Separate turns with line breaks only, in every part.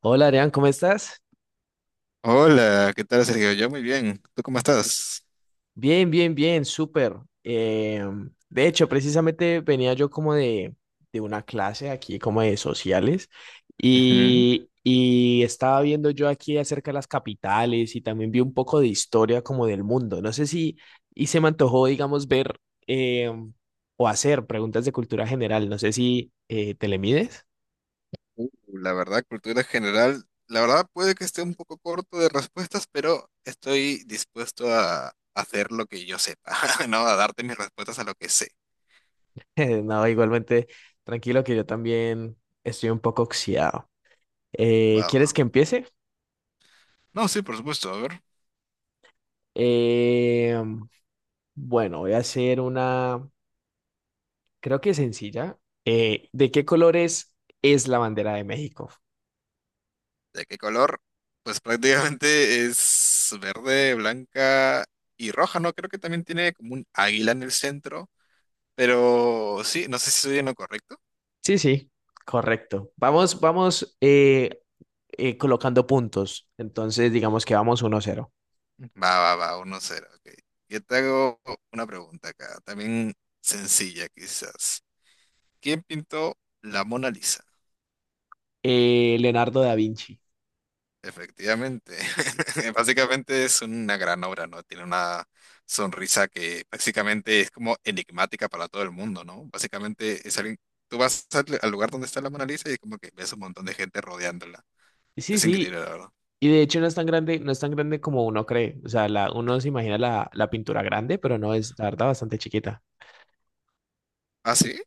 Hola Adrián, ¿cómo estás?
Hola, ¿qué tal, Sergio? Yo muy bien. ¿Tú cómo estás?
Bien, bien, bien, súper. Eh, de hecho, precisamente venía yo como de una clase aquí, como de sociales,
Ujú.
y estaba viendo yo aquí acerca de las capitales y también vi un poco de historia como del mundo. No sé si, y se me antojó, digamos, ver eh, o hacer preguntas de cultura general. No sé si te le mides.
Uh, la verdad, cultura general, la verdad puede que esté un poco corto de respuestas, pero estoy dispuesto a hacer lo que yo sepa, ¿no? A darte mis respuestas a lo que sé.
No, igualmente, tranquilo que yo también estoy un poco oxidado.
Va.
¿Quieres que empiece?
No, sí, por supuesto. A ver,
Eh, bueno, voy a hacer una, creo que sencilla. ¿De qué colores es la bandera de México?
¿de qué color? Pues prácticamente es verde, blanca y roja, ¿no? Creo que también tiene como un águila en el centro, pero sí, no sé si estoy en lo correcto.
Sí, sí, correcto. Vamos, vamos colocando puntos. Entonces, digamos que vamos uno cero.
Va, Uno 0, ok. Yo te hago una pregunta acá, también sencilla quizás. ¿Quién pintó la Mona Lisa?
Leonardo da Vinci.
Efectivamente, básicamente es una gran obra, ¿no? Tiene una sonrisa que básicamente es como enigmática para todo el mundo, ¿no? Básicamente es alguien, tú vas al lugar donde está la Mona Lisa y como que ves un montón de gente rodeándola.
Sí,
Es increíble,
sí.
la verdad.
Y de hecho no es tan grande, no es tan grande como uno cree. O sea, uno se imagina la pintura grande, pero no es, la verdad, bastante chiquita.
¿Ah, sí?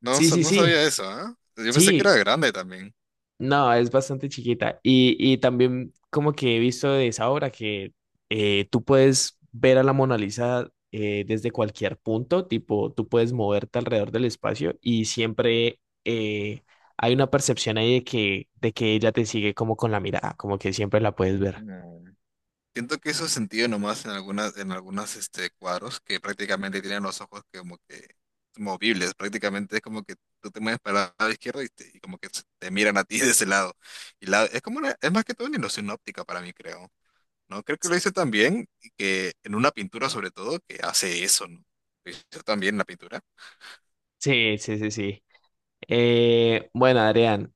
No,
Sí, sí,
no
sí.
sabía eso, ¿ah? Yo pensé que era
Sí,
grande también.
no, es bastante chiquita. Y también como que he visto de esa obra que tú puedes ver a la Mona Lisa desde cualquier punto, tipo, tú puedes moverte alrededor del espacio y siempre hay una percepción ahí de que ella te sigue como con la mirada, como que siempre la puedes ver.
Mm. Siento que eso es sentido nomás en algunas, en algunos cuadros que prácticamente tienen los ojos que como que movibles, prácticamente es como que tú te mueves para el lado izquierdo y, y como que te miran a ti de ese lado. Y es como es más que todo una ilusión óptica para mí, creo, ¿no? Creo que lo hice también y que en una pintura sobre todo que hace eso, ¿no? Lo hizo también la pintura.
Sí, sí, sí, sí. Bueno, Adrián,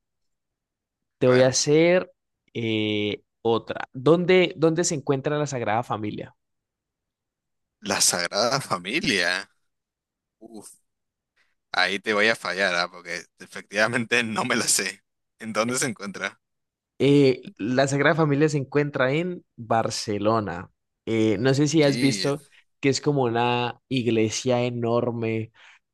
te
A
voy
ver,
a hacer otra. ¿Dónde se encuentra la Sagrada Familia?
la Sagrada Familia. Uf, ahí te voy a fallar, ¿ah? Porque efectivamente no me la sé. ¿En dónde se encuentra?
La Sagrada Familia se encuentra en Barcelona. No sé si has
Sí.
visto que es como una iglesia enorme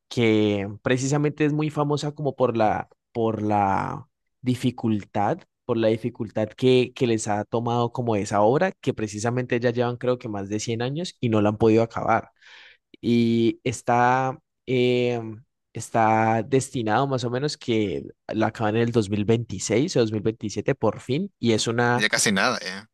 que precisamente es muy famosa como por la dificultad, por la dificultad que les ha tomado como esa obra, que precisamente ya llevan creo que más de 100 años y no la han podido acabar y eh, está destinado más o menos que lo acaban en el 2026 o 2027 por fin, y es
Ya casi nada, ya.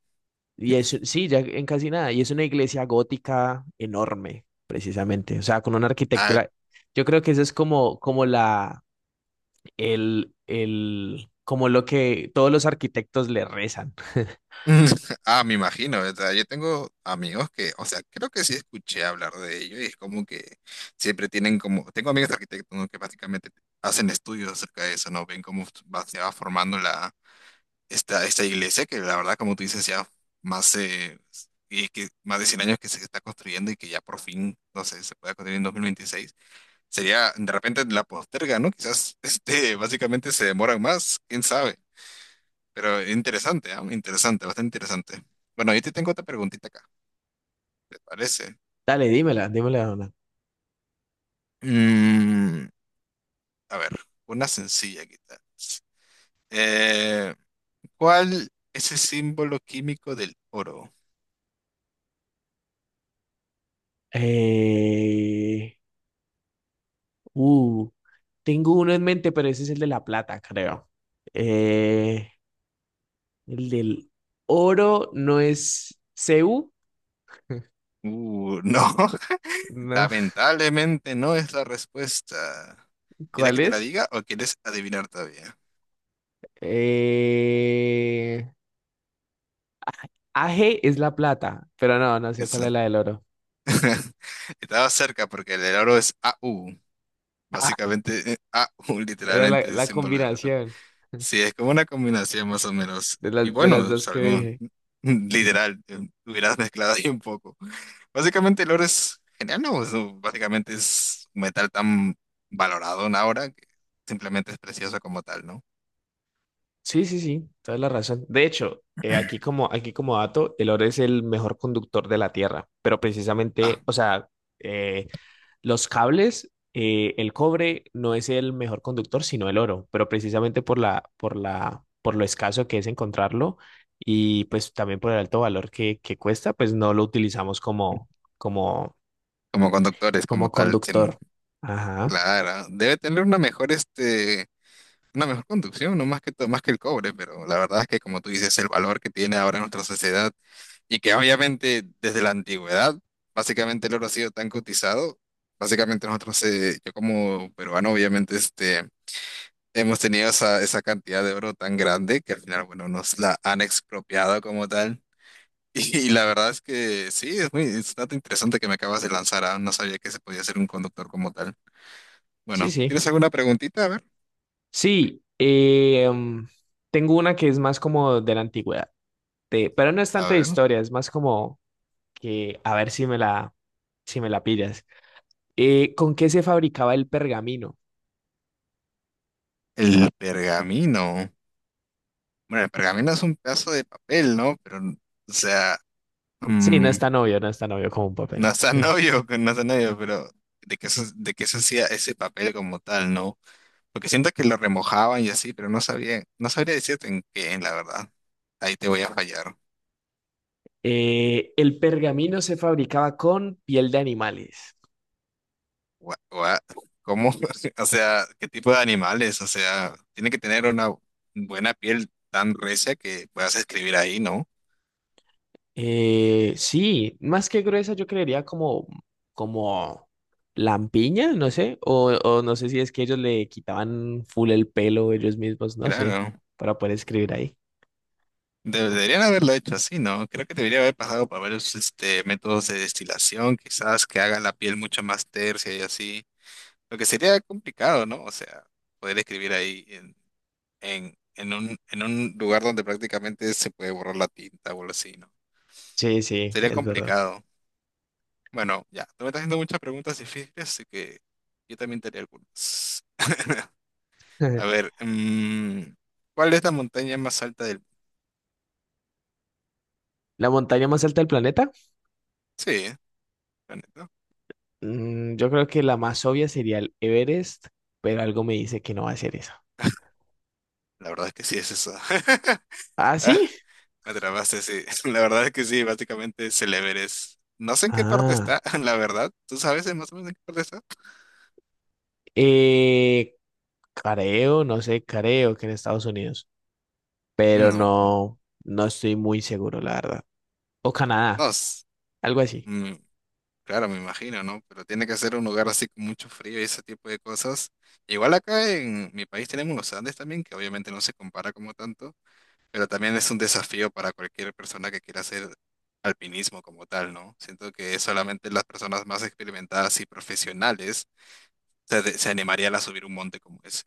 y es, sí, ya en casi nada, y es una iglesia gótica enorme, precisamente, o sea, con una
Ah,
arquitectura, yo creo que eso es como, como la, el, como lo que todos los arquitectos le rezan.
ah, me imagino, o sea, yo tengo amigos que, o sea, creo que sí escuché hablar de ello y es como que siempre tienen como, tengo amigos arquitectos, ¿no?, que básicamente hacen estudios acerca de eso, ¿no? Ven cómo se va formando esta iglesia que la verdad, como tú dices, ya más, y que más de 100 años que se está construyendo y que ya por fin, no sé, se pueda construir en 2026. Sería, de repente la posterga, ¿no? Quizás, básicamente se demoran más, quién sabe. Pero interesante, ah, interesante, bastante interesante. Bueno, yo te tengo otra preguntita acá, ¿te parece?
Dale, dímela, dímela, Dona.
Mm, a ver, una sencilla quizás. Eh, ¿Cuál es el símbolo químico del oro?
Eh, Uh, Tengo uno en mente, pero ese es el de la plata, creo. Eh, el del oro no es CU,
No,
¿no?
lamentablemente no es la respuesta. ¿Quieres
¿Cuál
que te la
es?
diga o quieres adivinar todavía?
Eh, A G es la plata, pero no, no sé
Eso.
cuál es la del oro.
Estaba cerca porque el del oro es AU.
Ah,
Básicamente, AU
era
literalmente es el
la
símbolo del oro.
combinación
Sí, es como una combinación más o menos. Y
de las
bueno,
dos que
sabemos,
dije.
literal, hubieras mezclado ahí un poco. Básicamente el oro es genial, ¿no? Eso básicamente es un metal tan valorado en ahora que simplemente es precioso como tal, ¿no?
Sí, sí, sí, toda la razón. De hecho, aquí como dato, el oro es el mejor conductor de la Tierra, pero
Ah,
precisamente, o sea, eh, los cables, el cobre no es el mejor conductor, sino el oro, pero precisamente por lo escaso que es encontrarlo y pues también por el alto valor que cuesta, pues no lo utilizamos como,
como conductores, como
como
tal,
conductor. Ajá.
claro. Debe tener una mejor una mejor conducción, no más que, más que el cobre, pero la verdad es que como tú dices, el valor que tiene ahora nuestra sociedad y que obviamente desde la antigüedad, básicamente el oro ha sido tan cotizado, básicamente nosotros, yo como peruano, obviamente hemos tenido esa cantidad de oro tan grande que al final, bueno, nos la han expropiado como tal. Y la verdad es que sí, es muy, es un dato interesante que me acabas de lanzar, ah, no sabía que se podía ser un conductor como tal.
Sí,
Bueno,
sí.
¿tienes alguna preguntita? A ver.
Sí, tengo una que es más como de la antigüedad, de- pero no es
A
tanto de
ver.
historia, es más como que a ver si me si me la pillas. ¿Con qué se fabricaba el pergamino?
El pergamino. Bueno, el pergamino es un pedazo de papel, ¿no? Pero, o sea,
Sí, no
mm,
es tan obvio, no es tan obvio como un
no
papel.
está novio, no está novio, pero de qué se hacía ese papel como tal, ¿no? Porque siento que lo remojaban y así, pero no sabía, no sabría decirte en qué, la verdad. Ahí te voy a fallar.
El pergamino se fabricaba con piel de animales.
Gua- gua- ¿Cómo? O sea, ¿qué tipo de animales? O sea, tiene que tener una buena piel tan recia que puedas escribir ahí, ¿no?
Sí, más que gruesa, yo creería como lampiña, no sé, o no sé si es que ellos le quitaban full el pelo ellos mismos, no sé,
Claro.
para poder escribir ahí.
Deberían haberlo hecho así, ¿no? Creo que debería haber pasado por varios métodos de destilación, quizás que haga la piel mucho más tersa y así. Lo que sería complicado, ¿no? O sea, poder escribir ahí en, en un lugar donde prácticamente se puede borrar la tinta o algo así, ¿no?
Sí, sí,
Sería
es verdad.
complicado. Bueno, ya, tú me estás haciendo muchas preguntas difíciles, así que yo también te haré algunas. A ver, ¿cuál es la montaña más alta del mundo?
¿La montaña más alta del planeta?
Sí, la neta.
Mm, yo creo que la más obvia sería el Everest, pero algo me dice que no va a ser eso.
La verdad es que sí es esa.
¿Ah, sí?
Me atrapaste, sí. La verdad es que sí, básicamente es el Everest. No sé en qué parte
Ah,
está, la verdad. ¿Tú sabes más o menos en qué parte está?
eh, Creo, no sé, creo que en Estados Unidos, pero
No,
no, no estoy muy seguro, la verdad. O Canadá,
no.
algo así.
mm, claro, me imagino, ¿no? Pero tiene que ser un lugar así con mucho frío y ese tipo de cosas. Igual acá en mi país tenemos los Andes también, que obviamente no se compara como tanto, pero también es un desafío para cualquier persona que quiera hacer alpinismo como tal, ¿no? Siento que solamente las personas más experimentadas y profesionales se animarían a subir un monte como ese.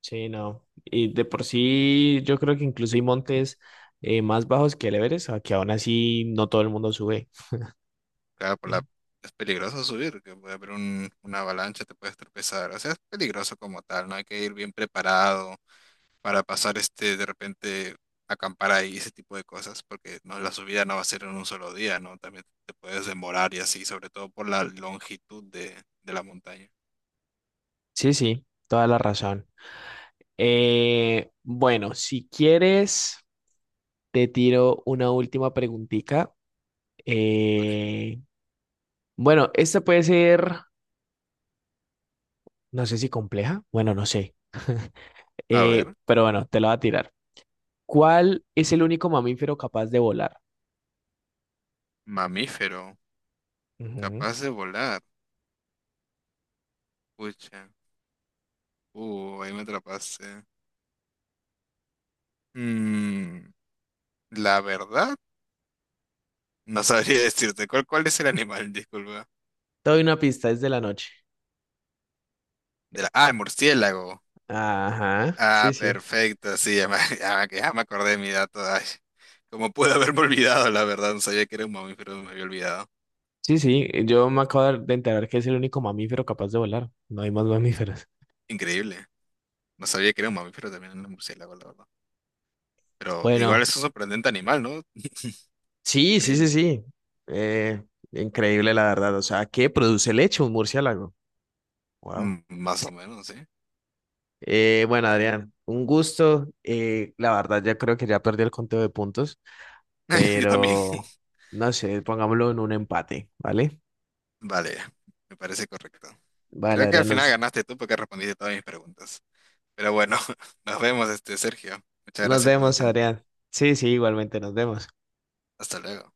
Sí, no. Y de por sí, yo creo que incluso hay montes más bajos que el Everest, a que aún así no todo el mundo sube.
Claro,
Eh,
es peligroso subir, que puede haber una avalancha, te puedes tropezar. O sea, es peligroso como tal, ¿no? Hay que ir bien preparado para pasar de repente, acampar ahí, ese tipo de cosas, porque no, la subida no va a ser en un solo día, ¿no? También te puedes demorar y así, sobre todo por la longitud de la montaña.
Sí, sí, toda la razón. Bueno, si quieres, te tiro una última preguntita.
Ok.
Eh, bueno, esta puede ser, no sé si compleja, bueno, no sé,
A ver,
Pero bueno, te la voy a tirar. ¿Cuál es el único mamífero capaz de volar?
mamífero,
Ujú.
capaz de volar. Pucha, ahí me atrapaste. Mm, la verdad, no sabría decirte. Cuál es el animal? Disculpa.
Te doy una pista, es de la noche.
Ah, murciélago.
Ajá. Sí,
Ah,
sí.
perfecto, sí, ya me acordé de mi dato. Ay, cómo pude haberme olvidado, la verdad. No sabía que era un mamífero, me había olvidado.
Sí, sí, yo me acabo de enterar que es el único mamífero capaz de volar. No hay más mamíferos.
Increíble. No sabía que era un mamífero también un murciélago, la verdad. Pero igual
Bueno,
es un sorprendente animal, ¿no?
sí, sí, sí,
Increíble.
sí. Eh, Increíble, la verdad. O sea, ¿qué produce leche un murciélago? Wow.
Más o menos, sí.
Bueno, Adrián, un gusto. La verdad, ya creo que ya perdí el conteo de puntos,
Yo también.
pero no sé, pongámoslo en un empate, ¿vale?
Vale, me parece correcto.
Vale,
Creo que al
Adrián,
final
nos
ganaste tú porque respondiste todas mis preguntas. Pero bueno, nos vemos, este, Sergio. Muchas
nos
gracias por tu
vemos,
tiempo.
Adrián. Sí, sí, igualmente nos vemos.
Hasta luego.